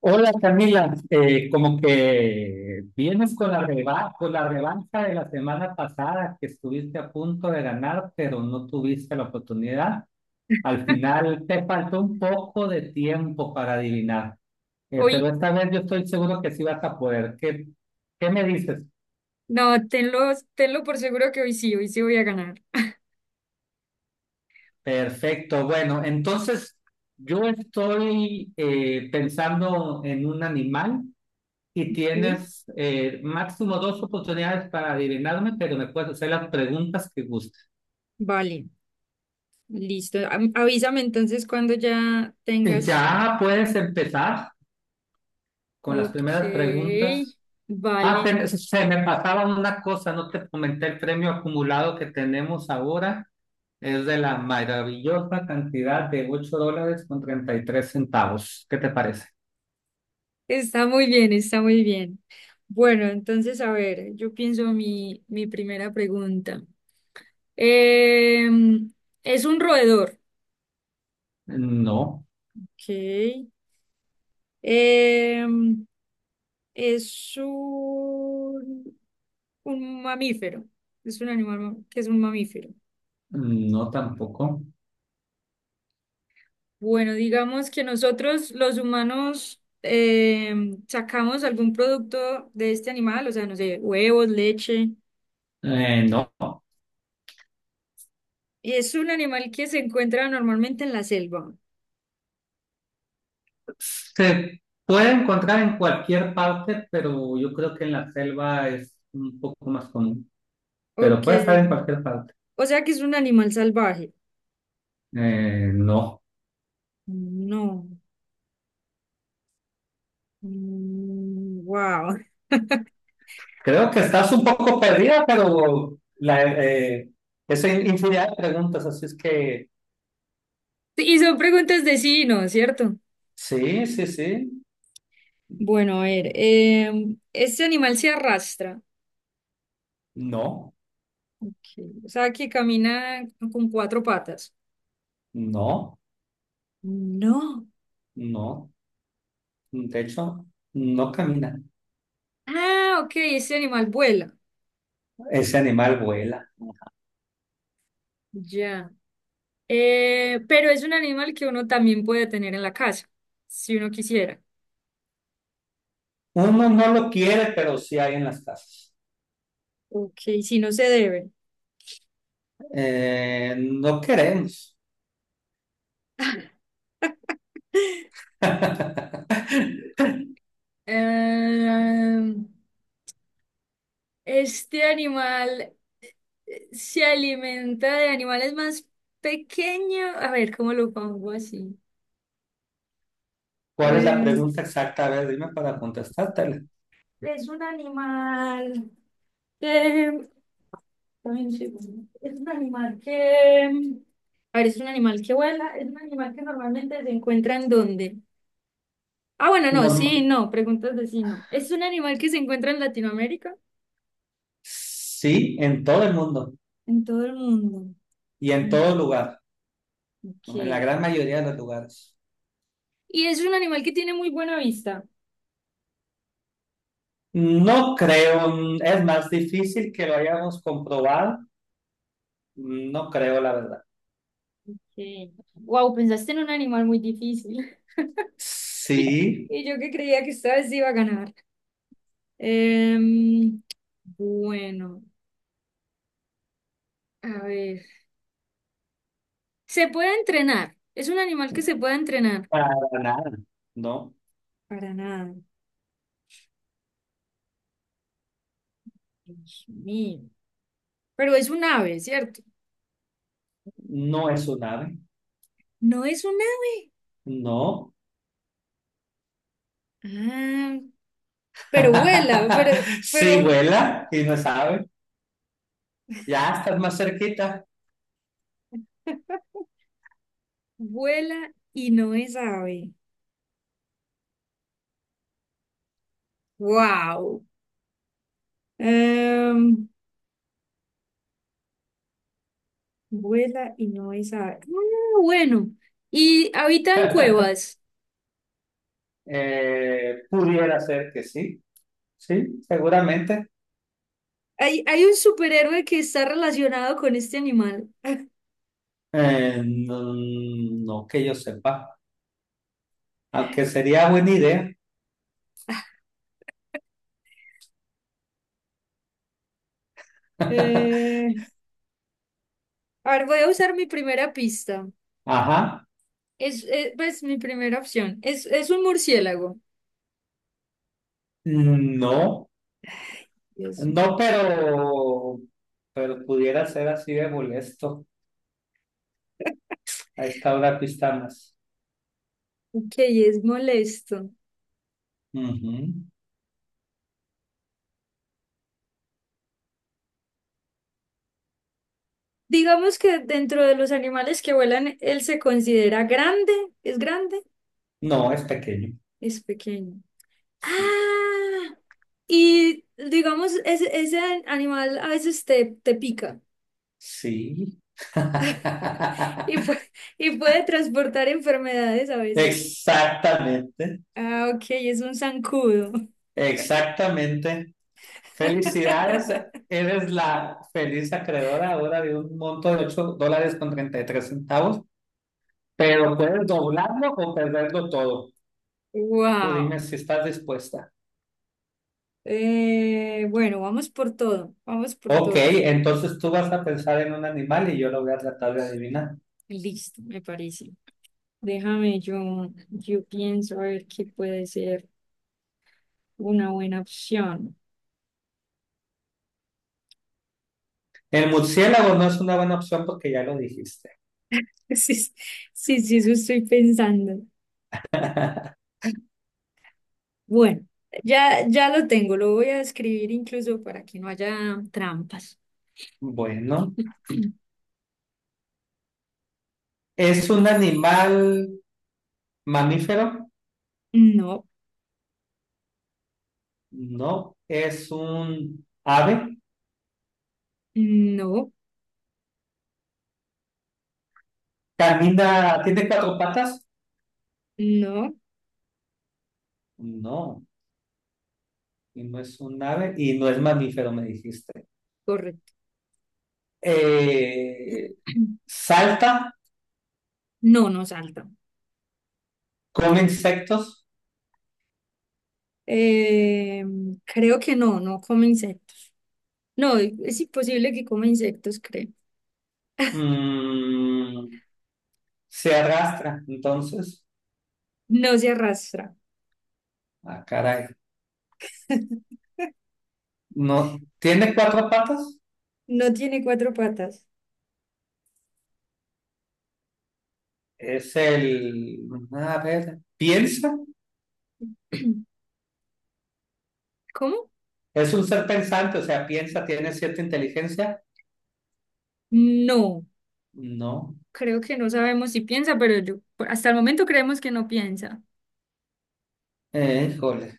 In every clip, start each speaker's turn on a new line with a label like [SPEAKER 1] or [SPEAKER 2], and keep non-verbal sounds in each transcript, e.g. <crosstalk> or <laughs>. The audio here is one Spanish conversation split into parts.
[SPEAKER 1] Hola Camila. Como que vienes con la revancha de la semana pasada que estuviste a punto de ganar, pero no tuviste la oportunidad. Al final te faltó un poco de tiempo para adivinar, pero
[SPEAKER 2] Hoy,
[SPEAKER 1] esta vez yo estoy seguro que sí vas a poder. ¿Qué me dices?
[SPEAKER 2] no, tenlo por seguro que hoy sí voy a ganar.
[SPEAKER 1] Perfecto, bueno, entonces yo estoy pensando en un animal. Y
[SPEAKER 2] ¿Sí?
[SPEAKER 1] tienes máximo dos oportunidades para adivinarme, pero me puedes hacer las preguntas que gustes.
[SPEAKER 2] Vale, listo. Avísame entonces cuando ya
[SPEAKER 1] Y
[SPEAKER 2] tengas.
[SPEAKER 1] ya puedes empezar con las
[SPEAKER 2] Ok,
[SPEAKER 1] primeras preguntas. Ah,
[SPEAKER 2] vale.
[SPEAKER 1] se me pasaba una cosa, no te comenté el premio acumulado que tenemos ahora. Es de la maravillosa cantidad de $8,33. ¿Qué te parece?
[SPEAKER 2] Está muy bien, está muy bien. Bueno, entonces, a ver, yo pienso mi primera pregunta. Em, es un roedor.
[SPEAKER 1] No,
[SPEAKER 2] Ok. Em, es un mamífero, es un que es un mamífero.
[SPEAKER 1] no tampoco.
[SPEAKER 2] Bueno, digamos que nosotros los humanos sacamos algún producto de este animal, o sea, no sé, huevos, leche.
[SPEAKER 1] No.
[SPEAKER 2] Es un animal que se encuentra normalmente en la selva.
[SPEAKER 1] Se puede encontrar en cualquier parte, pero yo creo que en la selva es un poco más común. Pero
[SPEAKER 2] Ok.
[SPEAKER 1] puede estar en cualquier parte.
[SPEAKER 2] O sea que es un animal salvaje.
[SPEAKER 1] No.
[SPEAKER 2] No. Wow. <laughs>
[SPEAKER 1] Creo que estás un poco perdida, pero eso es infinidad de preguntas, así es que
[SPEAKER 2] Y son preguntas de sí y no, ¿cierto?
[SPEAKER 1] sí, sí, sí.
[SPEAKER 2] Bueno, a ver, este animal se arrastra,
[SPEAKER 1] No,
[SPEAKER 2] ok, o sea que camina con cuatro patas.
[SPEAKER 1] no,
[SPEAKER 2] No.
[SPEAKER 1] no. De hecho, no camina.
[SPEAKER 2] Ah, ok, este animal vuela.
[SPEAKER 1] Ese animal vuela.
[SPEAKER 2] Ya. Pero es un animal que uno también puede tener en la casa, si uno quisiera.
[SPEAKER 1] Uno no lo quiere, pero sí hay en las casas.
[SPEAKER 2] Ok, si no se debe.
[SPEAKER 1] No queremos.
[SPEAKER 2] <laughs>
[SPEAKER 1] <laughs>
[SPEAKER 2] Em, este animal se alimenta de animales más pequeños. A ver, ¿cómo lo pongo así?
[SPEAKER 1] ¿Cuál es la
[SPEAKER 2] Eh,
[SPEAKER 1] pregunta exacta? A ver, dime para contestártela.
[SPEAKER 2] Es un animal que... Dame un segundo. Es un animal que... A ver, es un animal que vuela, es un animal que normalmente se encuentra en dónde. Ah, bueno, no,
[SPEAKER 1] Norma-
[SPEAKER 2] sí, no, preguntas de sí, no. Es un animal que se encuentra en Latinoamérica,
[SPEAKER 1] sí, en todo el mundo
[SPEAKER 2] en todo el mundo.
[SPEAKER 1] y en
[SPEAKER 2] Mm,
[SPEAKER 1] todo lugar, ¿no? En la
[SPEAKER 2] ok.
[SPEAKER 1] gran mayoría de los lugares.
[SPEAKER 2] Y es un animal que tiene muy buena vista.
[SPEAKER 1] No creo, es más difícil que lo hayamos comprobado. No creo, la verdad.
[SPEAKER 2] Sí. Wow, pensaste en un animal muy difícil. <laughs> Y,
[SPEAKER 1] Sí,
[SPEAKER 2] y yo que creía que esta vez iba a ganar. Em, bueno. A ver. Se puede entrenar. Es un animal que se puede entrenar.
[SPEAKER 1] para nada. No,
[SPEAKER 2] Para nada. Dios mío. Pero es un ave, ¿cierto?
[SPEAKER 1] no es un ave.
[SPEAKER 2] No es un ave.
[SPEAKER 1] No.
[SPEAKER 2] Ah, pero vuela,
[SPEAKER 1] <laughs> Sí
[SPEAKER 2] pero
[SPEAKER 1] vuela y no sabe. Ya estás más cerquita.
[SPEAKER 2] <laughs> vuela y no es ave. Wow. Em, vuela y no es ave. Ah, bueno. Y habita en cuevas.
[SPEAKER 1] Pudiera ser que sí. Sí, seguramente.
[SPEAKER 2] Hay un superhéroe que está relacionado con este animal.
[SPEAKER 1] No, no que yo sepa, aunque sería buena idea. <laughs>
[SPEAKER 2] Eh, a ver, voy a usar mi primera pista.
[SPEAKER 1] Ajá,
[SPEAKER 2] Es, pues mi primera opción. Es un murciélago.
[SPEAKER 1] no,
[SPEAKER 2] Dios
[SPEAKER 1] no,
[SPEAKER 2] mío.
[SPEAKER 1] pero pudiera ser así de molesto a esta hora que estamos.
[SPEAKER 2] Ok, es molesto.
[SPEAKER 1] Ujú.
[SPEAKER 2] Digamos que dentro de los animales que vuelan, él se considera grande. ¿Es grande?
[SPEAKER 1] No, es pequeño.
[SPEAKER 2] Es pequeño.
[SPEAKER 1] Sí,
[SPEAKER 2] Ah, y digamos, ese animal a veces te pica
[SPEAKER 1] sí. <laughs>
[SPEAKER 2] y puede, <laughs> y puede transportar enfermedades a veces.
[SPEAKER 1] Exactamente,
[SPEAKER 2] Ah, ok, es un zancudo.
[SPEAKER 1] exactamente. Felicidades,
[SPEAKER 2] <laughs>
[SPEAKER 1] eres la feliz acreedora ahora de un monto de $8,33, pero puedes doblarlo o perderlo todo. Tú
[SPEAKER 2] Wow.
[SPEAKER 1] dime si estás dispuesta.
[SPEAKER 2] Eh, bueno, vamos por todo, vamos por
[SPEAKER 1] Ok,
[SPEAKER 2] todo.
[SPEAKER 1] entonces tú vas a pensar en un animal y yo lo voy a tratar de adivinar.
[SPEAKER 2] Listo, me parece. Déjame, yo pienso a ver qué puede ser una buena opción.
[SPEAKER 1] El murciélago no es una buena opción porque ya lo dijiste.
[SPEAKER 2] <laughs> Sí, sí, sí, eso estoy pensando. Bueno, ya, ya lo tengo, lo voy a escribir incluso para que no haya trampas.
[SPEAKER 1] Bueno,
[SPEAKER 2] <clears throat>
[SPEAKER 1] ¿es un animal mamífero?
[SPEAKER 2] No,
[SPEAKER 1] No, es un ave.
[SPEAKER 2] no,
[SPEAKER 1] ¿Camina? ¿Tiene cuatro patas?
[SPEAKER 2] no,
[SPEAKER 1] No. Y no es un ave y no es mamífero, me dijiste.
[SPEAKER 2] correcto.
[SPEAKER 1] Eh,
[SPEAKER 2] <clears throat>
[SPEAKER 1] Salta,
[SPEAKER 2] No, no salta.
[SPEAKER 1] come insectos,
[SPEAKER 2] Eh, creo que no, no come insectos. No, es imposible que coma insectos, creo.
[SPEAKER 1] mm, se arrastra. Entonces,
[SPEAKER 2] No se arrastra.
[SPEAKER 1] ah, caray. No, tiene cuatro patas.
[SPEAKER 2] No tiene cuatro patas.
[SPEAKER 1] Es el, a ver, piensa.
[SPEAKER 2] <clears throat> ¿Cómo?
[SPEAKER 1] Es un ser pensante, o sea, piensa, tiene cierta inteligencia.
[SPEAKER 2] No,
[SPEAKER 1] No,
[SPEAKER 2] creo que no sabemos si piensa, pero yo, hasta el momento creemos que no piensa.
[SPEAKER 1] híjole,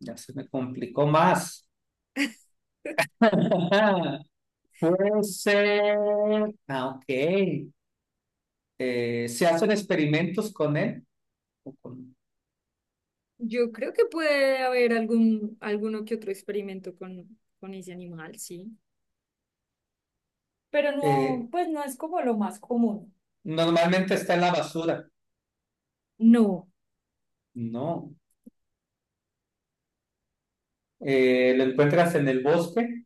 [SPEAKER 1] ya se me complicó más. <laughs> Puede ser. Ah, ok. Se hacen experimentos con él. o con-
[SPEAKER 2] Yo creo que puede haber algún, alguno que otro experimento con ese animal, sí. Pero
[SPEAKER 1] eh,
[SPEAKER 2] no, pues no es como lo más común.
[SPEAKER 1] Normalmente está en la basura.
[SPEAKER 2] No,
[SPEAKER 1] No. Lo encuentras en el bosque.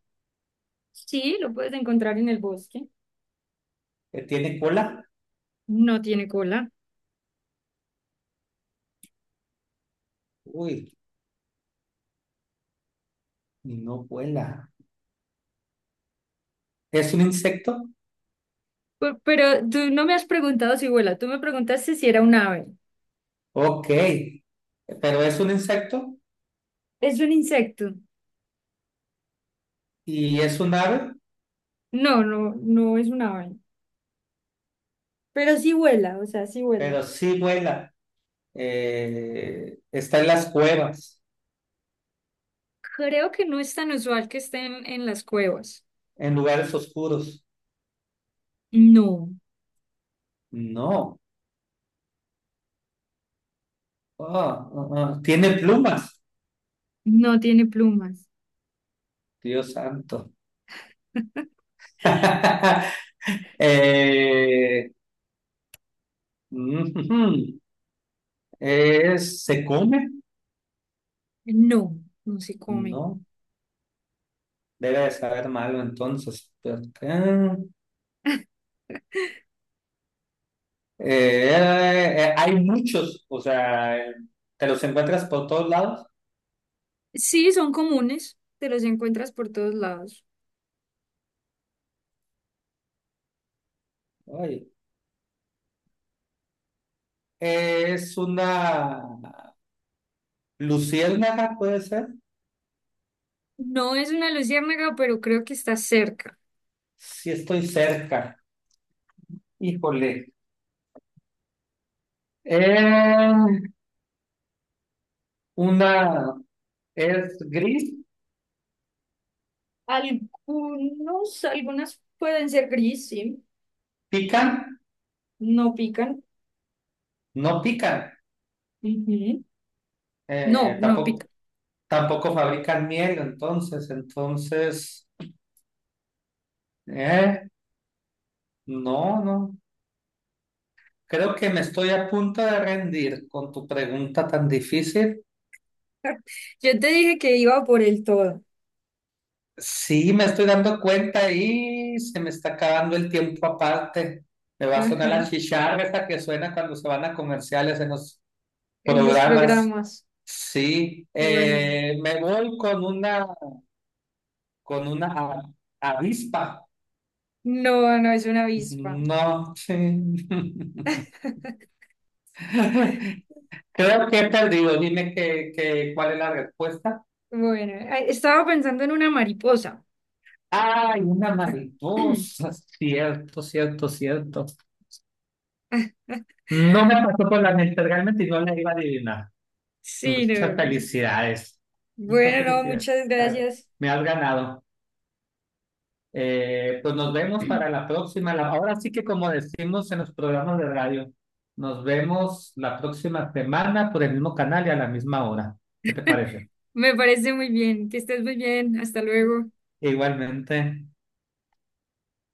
[SPEAKER 2] sí, lo puedes encontrar en el bosque.
[SPEAKER 1] ¿Tiene cola?
[SPEAKER 2] No tiene cola.
[SPEAKER 1] Uy, no vuela. ¿Es un insecto?
[SPEAKER 2] Pero tú no me has preguntado si vuela, tú me preguntaste si era un ave.
[SPEAKER 1] Ok. Pero es un insecto
[SPEAKER 2] ¿Es un insecto?
[SPEAKER 1] y es un ave,
[SPEAKER 2] No es un ave. Pero sí vuela, o sea, sí vuela.
[SPEAKER 1] pero sí vuela. Está en las cuevas,
[SPEAKER 2] Creo que no es tan usual que estén en las cuevas.
[SPEAKER 1] en lugares oscuros.
[SPEAKER 2] No,
[SPEAKER 1] No. Oh, ah, ah. Tiene plumas.
[SPEAKER 2] no tiene plumas.
[SPEAKER 1] Dios santo. <laughs> Eh, Ujú. <laughs> ¿Se come?
[SPEAKER 2] No, no se comen.
[SPEAKER 1] No, debe de saber malo entonces. Pero acá, hay muchos, o sea, te los encuentras por todos lados.
[SPEAKER 2] Sí, son comunes, te los encuentras por todos lados.
[SPEAKER 1] Ay, es una luciérnaga, puede ser.
[SPEAKER 2] No es una luciérnaga, pero creo que está cerca.
[SPEAKER 1] Si estoy cerca, híjole. Eh, una es gris,
[SPEAKER 2] Algunos, algunas pueden ser gris, sí,
[SPEAKER 1] pican,
[SPEAKER 2] no pican.
[SPEAKER 1] no pican.
[SPEAKER 2] Ujú. No,
[SPEAKER 1] Eh,
[SPEAKER 2] no
[SPEAKER 1] tampoco,
[SPEAKER 2] pican.
[SPEAKER 1] tampoco fabrican miel, entonces. Eh, no, no. Creo que me estoy a punto de rendir con tu pregunta tan difícil.
[SPEAKER 2] Yo te dije que iba por el todo.
[SPEAKER 1] Sí, me estoy dando cuenta y se me está acabando el tiempo aparte. Me va a sonar
[SPEAKER 2] Ajá,
[SPEAKER 1] la chicharra esa que suena cuando se van a comerciales en los
[SPEAKER 2] en los
[SPEAKER 1] programas.
[SPEAKER 2] programas.
[SPEAKER 1] Sí,
[SPEAKER 2] Bueno,
[SPEAKER 1] me voy con una, con una a- avispa.
[SPEAKER 2] no, no es una avispa.
[SPEAKER 1] No, sí.
[SPEAKER 2] <laughs>
[SPEAKER 1] <laughs> Creo que he perdido. Dime cuál es la respuesta.
[SPEAKER 2] Bueno, ay, estaba pensando en una mariposa.
[SPEAKER 1] Ay, una
[SPEAKER 2] <clears throat>
[SPEAKER 1] mariposa, cierto, cierto, cierto. No me pasó por la mente realmente y no la iba a adivinar.
[SPEAKER 2] Sí, no.
[SPEAKER 1] Muchas felicidades, muchas
[SPEAKER 2] Bueno, no,
[SPEAKER 1] felicidades.
[SPEAKER 2] muchas gracias.
[SPEAKER 1] Me has ganado. Pues nos vemos para
[SPEAKER 2] <clears throat>
[SPEAKER 1] la próxima. Ahora sí que como decimos en los programas de radio, nos vemos la próxima semana por el mismo canal y a la misma hora. ¿Qué te parece?
[SPEAKER 2] Me parece muy bien. Que estés muy bien. Hasta luego.
[SPEAKER 1] Igualmente.